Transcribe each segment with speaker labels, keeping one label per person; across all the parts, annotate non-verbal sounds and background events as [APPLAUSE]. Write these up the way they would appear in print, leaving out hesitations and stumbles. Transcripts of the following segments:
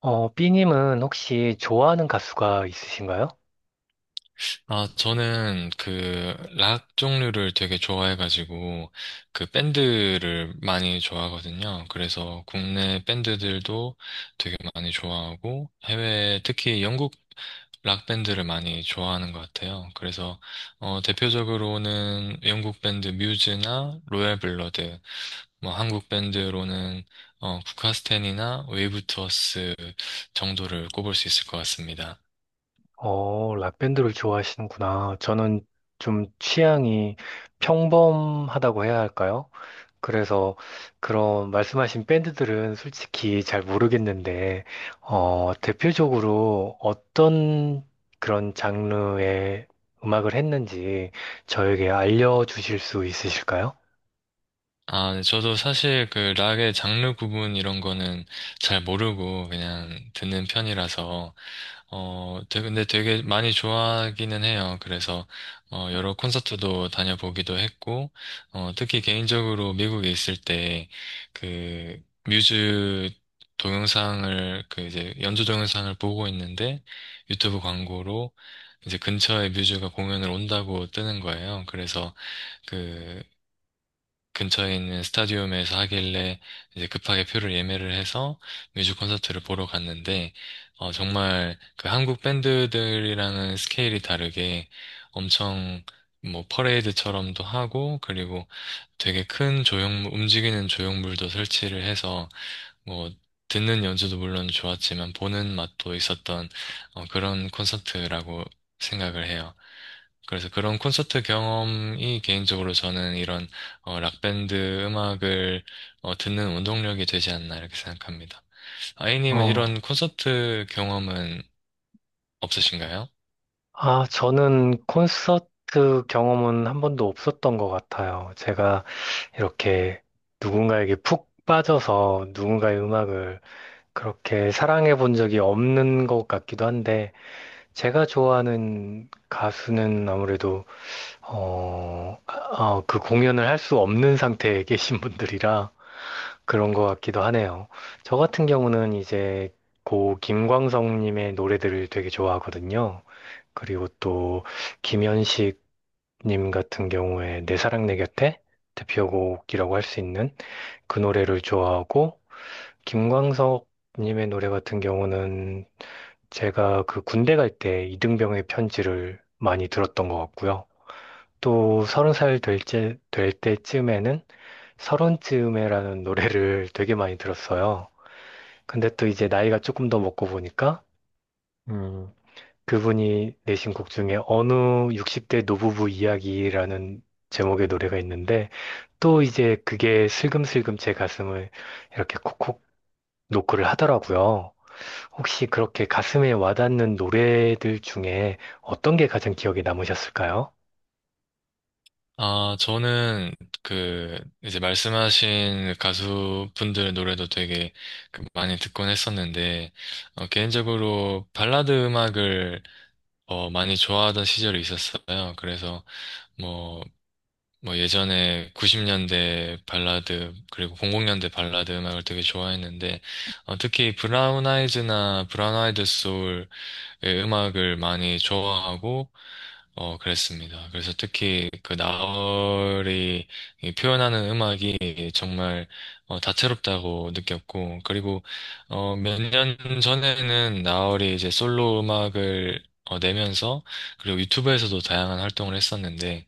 Speaker 1: B님은 혹시 좋아하는 가수가 있으신가요?
Speaker 2: 아, 저는 그 락 종류를 되게 좋아해가지고 그 밴드를 많이 좋아하거든요. 그래서 국내 밴드들도 되게 많이 좋아하고 해외 특히 영국 락 밴드를 많이 좋아하는 것 같아요. 그래서 대표적으로는 영국 밴드 뮤즈나 로얄 블러드, 뭐 한국 밴드로는 국카스텐이나 웨이브 투어스 정도를 꼽을 수 있을 것 같습니다.
Speaker 1: 락밴드를 좋아하시는구나. 저는 좀 취향이 평범하다고 해야 할까요? 그래서 그런 말씀하신 밴드들은 솔직히 잘 모르겠는데, 대표적으로 어떤 그런 장르의 음악을 했는지 저에게 알려주실 수 있으실까요?
Speaker 2: 아, 네, 저도 사실 그 락의 장르 구분 이런 거는 잘 모르고 그냥 듣는 편이라서, 근데 되게 많이 좋아하기는 해요. 그래서, 여러 콘서트도 다녀보기도 했고, 특히 개인적으로 미국에 있을 때, 그, 뮤즈 동영상을, 그 이제 연주 동영상을 보고 있는데, 유튜브 광고로 이제 근처에 뮤즈가 공연을 온다고 뜨는 거예요. 그래서, 그 근처에 있는 스타디움에서 하길래 이제 급하게 표를 예매를 해서 뮤직 콘서트를 보러 갔는데 정말 그 한국 밴드들이랑은 스케일이 다르게 엄청 뭐 퍼레이드처럼도 하고 그리고 되게 큰 조형물 움직이는 조형물도 설치를 해서 뭐 듣는 연주도 물론 좋았지만 보는 맛도 있었던 그런 콘서트라고 생각을 해요. 그래서 그런 콘서트 경험이 개인적으로 저는 이런 락밴드 음악을 듣는 운동력이 되지 않나 이렇게 생각합니다. 아이님은
Speaker 1: 어,
Speaker 2: 이런 콘서트 경험은 없으신가요?
Speaker 1: 아, 저는 콘서트 경험은 한 번도 없었던 것 같아요. 제가 이렇게 누군가에게 푹 빠져서 누군가의 음악을 그렇게 사랑해 본 적이 없는 것 같기도 한데, 제가 좋아하는 가수는 아무래도, 그 공연을 할 수 없는 상태에 [LAUGHS] 계신 분들이라 그런 것 같기도 하네요. 저 같은 경우는 이제 고 김광석님의 노래들을 되게 좋아하거든요. 그리고 또 김현식 님 같은 경우에 내 사랑 내 곁에 대표곡이라고 할 수 있는 그 노래를 좋아하고, 김광석 님의 노래 같은 경우는 제가 그 군대 갈 때 이등병의 편지를 많이 들었던 것 같고요. 또 30살 될 때쯤에는 서른쯤에라는 노래를 되게 많이 들었어요. 근데 또 이제 나이가 조금 더 먹고 보니까 음, 그분이 내신 곡 중에 어느 60대 노부부 이야기라는 제목의 노래가 있는데, 또 이제 그게 슬금슬금 제 가슴을 이렇게 콕콕 노크를 하더라고요. 혹시 그렇게 가슴에 와닿는 노래들 중에 어떤 게 가장 기억에 남으셨을까요?
Speaker 2: 아, 저는 그 이제 말씀하신 그 가수분들 노래도 되게 그 많이 듣곤 했었는데 개인적으로 발라드 음악을 많이 좋아하던 시절이 있었어요. 그래서 뭐 뭐 예전에 90년대 발라드 그리고 00년대 발라드 음악을 되게 좋아했는데 특히 브라운 아이즈나 브라운 아이드 소울의 음악을 많이 좋아하고 어 그랬습니다. 그래서 특히 그 나얼이 이 표현하는 음악이 정말 다채롭다고 느꼈고 그리고 몇 년 전에는 나얼이 이제 솔로 음악을 내면서 그리고 유튜브에서도 다양한 활동을 했었는데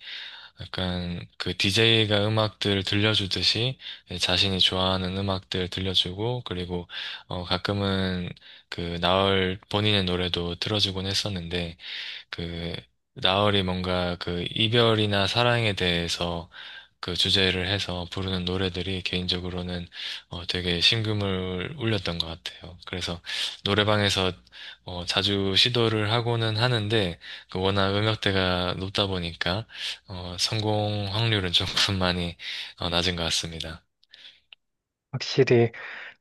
Speaker 2: 약간 그 DJ가 음악들 들려주듯이 네, 자신이 좋아하는 음악들 들려주고 그리고 어 가끔은 그 나얼 본인의 노래도 틀어주곤 했었는데 그 나얼이 뭔가 그 이별이나 사랑에 대해서 그 주제를 해서 부르는 노래들이 개인적으로는 되게 심금을 울렸던 것 같아요. 그래서 노래방에서 자주 시도를 하고는 하는데 그 워낙 음역대가 높다 보니까 성공 확률은 조금 [LAUGHS] 많이 낮은 것 같습니다.
Speaker 1: 확실히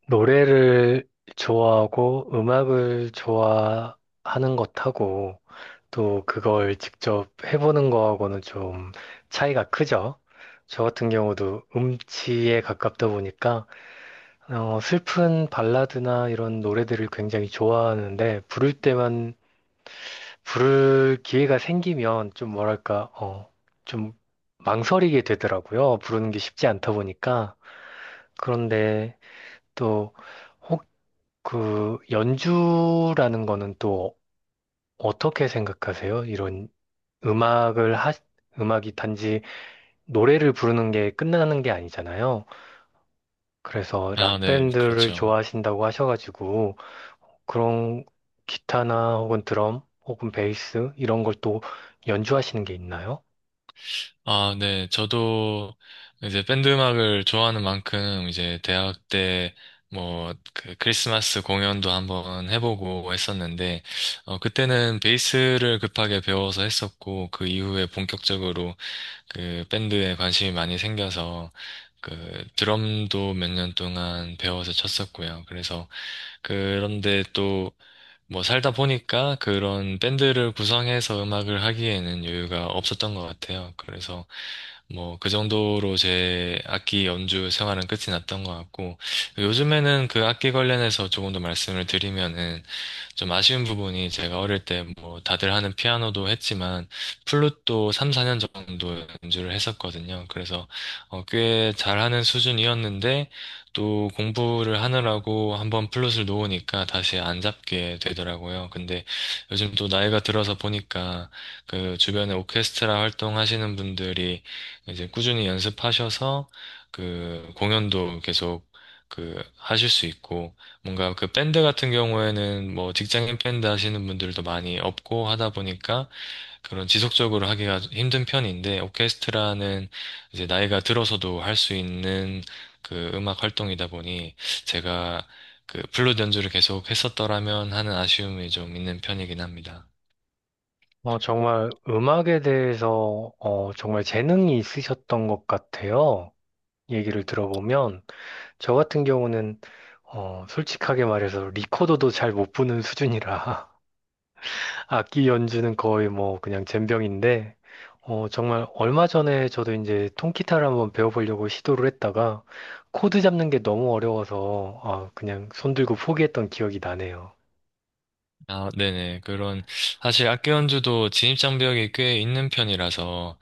Speaker 1: 노래를 좋아하고 음악을 좋아하는 것하고 또 그걸 직접 해보는 거하고는 좀 차이가 크죠. 저 같은 경우도 음치에 가깝다 보니까 슬픈 발라드나 이런 노래들을 굉장히 좋아하는데, 부를 때만 부를 기회가 생기면 좀 뭐랄까 좀 망설이게 되더라고요. 부르는 게 쉽지 않다 보니까. 그런데 또 그 연주라는 거는 또 어떻게 생각하세요? 이런 음악을 하, 음악이 단지 노래를 부르는 게 끝나는 게 아니잖아요. 그래서
Speaker 2: 아, 네,
Speaker 1: 락밴드를
Speaker 2: 그렇죠.
Speaker 1: 좋아하신다고 하셔가지고, 그런 기타나 혹은 드럼 혹은 베이스 이런 걸 또 연주하시는 게 있나요?
Speaker 2: 아, 네. 저도 이제 밴드 음악을 좋아하는 만큼 이제 대학 때 뭐 그 크리스마스 공연도 한번 해보고 했었는데 어 그때는 베이스를 급하게 배워서 했었고 그 이후에 본격적으로 그 밴드에 관심이 많이 생겨서 그 드럼도 몇 년 동안 배워서 쳤었고요. 그래서 그런데 또 뭐 살다 보니까 그런 밴드를 구성해서 음악을 하기에는 여유가 없었던 것 같아요. 그래서 뭐 그 정도로 제 악기 연주 생활은 끝이 났던 것 같고 요즘에는 그 악기 관련해서 조금 더 말씀을 드리면은 좀 아쉬운 부분이 제가 어릴 때 뭐 다들 하는 피아노도 했지만 플룻도 3, 4년 정도 연주를 했었거든요. 그래서 꽤 잘하는 수준이었는데 또 공부를 하느라고 한번 플룻을 놓으니까 다시 안 잡게 되더라고요. 근데 요즘 또 나이가 들어서 보니까 그 주변에 오케스트라 활동하시는 분들이 이제 꾸준히 연습하셔서 그 공연도 계속 그 하실 수 있고 뭔가 그 밴드 같은 경우에는 뭐 직장인 밴드 하시는 분들도 많이 없고 하다 보니까 그런 지속적으로 하기가 힘든 편인데 오케스트라는 이제 나이가 들어서도 할 수 있는 그 음악 활동이다 보니 제가 그 플룻 연주를 계속 했었더라면 하는 아쉬움이 좀 있는 편이긴 합니다.
Speaker 1: 정말 음악에 대해서 정말 재능이 있으셨던 것 같아요. 얘기를 들어보면 저 같은 경우는 솔직하게 말해서 리코더도 잘 못 부는 수준이라 [LAUGHS] 악기 연주는 거의 뭐 그냥 젬병인데, 정말 얼마 전에 저도 이제 통기타를 한번 배워보려고 시도를 했다가 코드 잡는 게 너무 어려워서 아, 그냥 손 들고 포기했던 기억이 나네요.
Speaker 2: 아, 네네. 그런, 사실 악기 연주도 진입장벽이 꽤 있는 편이라서,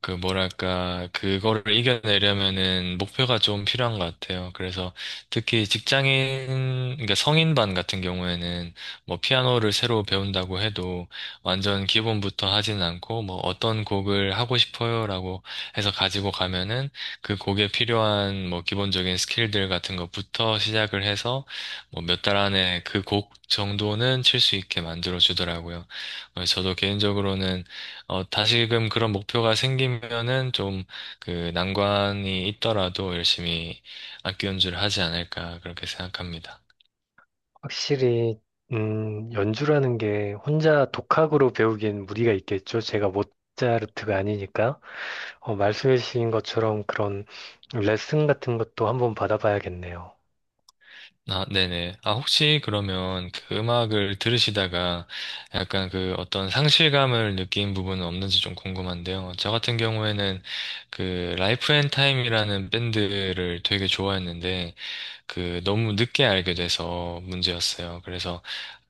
Speaker 2: 그, 뭐랄까, 그거를 이겨내려면은 목표가 좀 필요한 것 같아요. 그래서 특히 직장인, 그러니까 성인반 같은 경우에는 뭐 피아노를 새로 배운다고 해도 완전 기본부터 하진 않고 뭐 어떤 곡을 하고 싶어요라고 해서 가지고 가면은 그 곡에 필요한 뭐 기본적인 스킬들 같은 것부터 시작을 해서 뭐 몇 달 안에 그 곡 정도는 칠 수 있게 만들어주더라고요. 저도 개인적으로는 다시금 그런 목표가 생기면은 좀 그 난관이 있더라도 열심히 악기 연주를 하지 않을까 그렇게 생각합니다.
Speaker 1: 확실히 연주라는 게 혼자 독학으로 배우기엔 무리가 있겠죠. 제가 모차르트가 아니니까 말씀해주신 것처럼 그런 레슨 같은 것도 한번 받아봐야겠네요.
Speaker 2: 아, 네네. 아, 혹시 그러면 그 음악을 들으시다가 약간 그 어떤 상실감을 느낀 부분은 없는지 좀 궁금한데요. 저 같은 경우에는 그 라이프 앤 타임이라는 밴드를 되게 좋아했는데 그 너무 늦게 알게 돼서 문제였어요. 그래서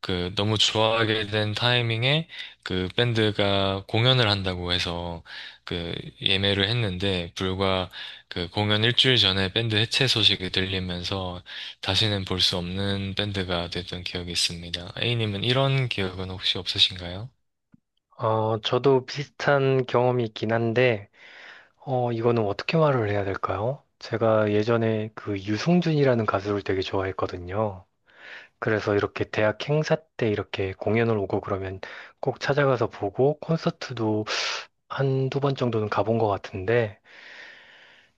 Speaker 2: 그 너무 좋아하게 된 타이밍에 그 밴드가 공연을 한다고 해서 그 예매를 했는데 불과 그 공연 일주일 전에 밴드 해체 소식이 들리면서 다시는 볼 수 없는 밴드가 됐던 기억이 있습니다. A님은 이런 기억은 혹시 없으신가요?
Speaker 1: 저도 비슷한 경험이 있긴 한데, 이거는 어떻게 말을 해야 될까요? 제가 예전에 그 유승준이라는 가수를 되게 좋아했거든요. 그래서 이렇게 대학 행사 때 이렇게 공연을 오고 그러면 꼭 찾아가서 보고, 콘서트도 한두 번 정도는 가본 것 같은데,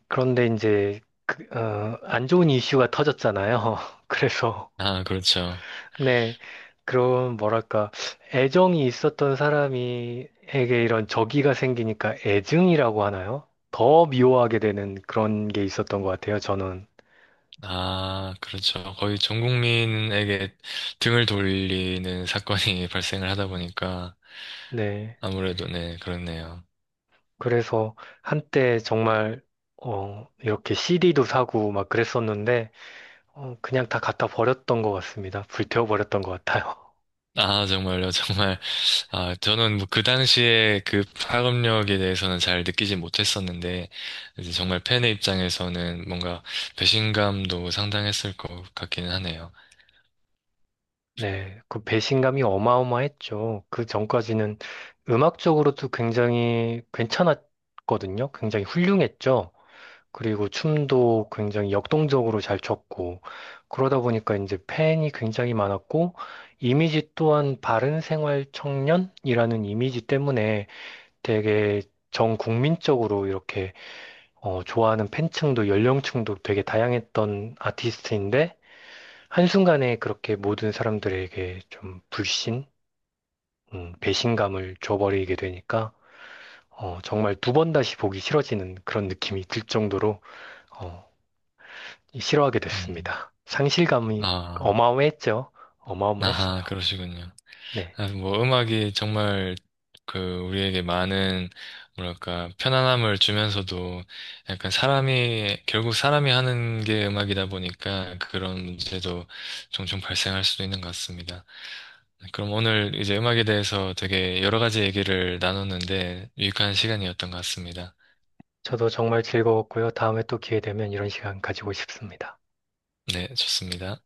Speaker 1: 그런데 이제 안 좋은 이슈가 터졌잖아요. [LAUGHS] 그래서
Speaker 2: 아, 그렇죠.
Speaker 1: 네, 그런 뭐랄까 애정이 있었던 사람이에게 이런 적이가 생기니까 애증이라고 하나요? 더 미워하게 되는 그런 게 있었던 것 같아요, 저는.
Speaker 2: 아, 그렇죠. 거의 전 국민에게 등을 돌리는 사건이 [LAUGHS] 발생을 하다 보니까
Speaker 1: 네,
Speaker 2: 아무래도 네, 그렇네요.
Speaker 1: 그래서 한때 정말 이렇게 CD도 사고 막 그랬었는데, 그냥 다 갖다 버렸던 것 같습니다. 불태워 버렸던 것 같아요.
Speaker 2: 아, 정말요, [LAUGHS] 정말. 아, 저는 뭐 그 당시에 그 파급력에 대해서는 잘 느끼지 못했었는데, 이제 정말 팬의 입장에서는 뭔가 배신감도 상당했을 것 같기는 하네요.
Speaker 1: [LAUGHS] 네, 그 배신감이 어마어마했죠. 그 전까지는 음악적으로도 굉장히 괜찮았거든요. 굉장히 훌륭했죠. 그리고 춤도 굉장히 역동적으로 잘 췄고, 그러다 보니까 이제 팬이 굉장히 많았고, 이미지 또한 바른 생활 청년이라는 이미지 때문에 되게 전 국민적으로 이렇게 좋아하는 팬층도 연령층도 되게 다양했던 아티스트인데, 한순간에 그렇게 모든 사람들에게 좀 불신, 배신감을 줘버리게 되니까, 정말 두 번 다시 보기 싫어지는 그런 느낌이 들 정도로, 어, 싫어하게
Speaker 2: 음,
Speaker 1: 됐습니다. 상실감이
Speaker 2: 아,
Speaker 1: 어마어마했죠. 어마어마했어요.
Speaker 2: 아하, 그러시군요.
Speaker 1: 네.
Speaker 2: 아, 뭐 음악이 정말 그 우리에게 많은 뭐랄까 편안함을 주면서도 약간 사람이 결국 사람이 하는 게 음악이다 보니까 그런 문제도 종종 발생할 수도 있는 것 같습니다. 네, 그럼 오늘 이제 음악에 대해서 되게 여러 가지 얘기를 나눴는데 유익한 시간이었던 것 같습니다.
Speaker 1: 저도 정말 즐거웠고요. 다음에 또 기회 되면 이런 시간 가지고 싶습니다.
Speaker 2: 네, 좋습니다.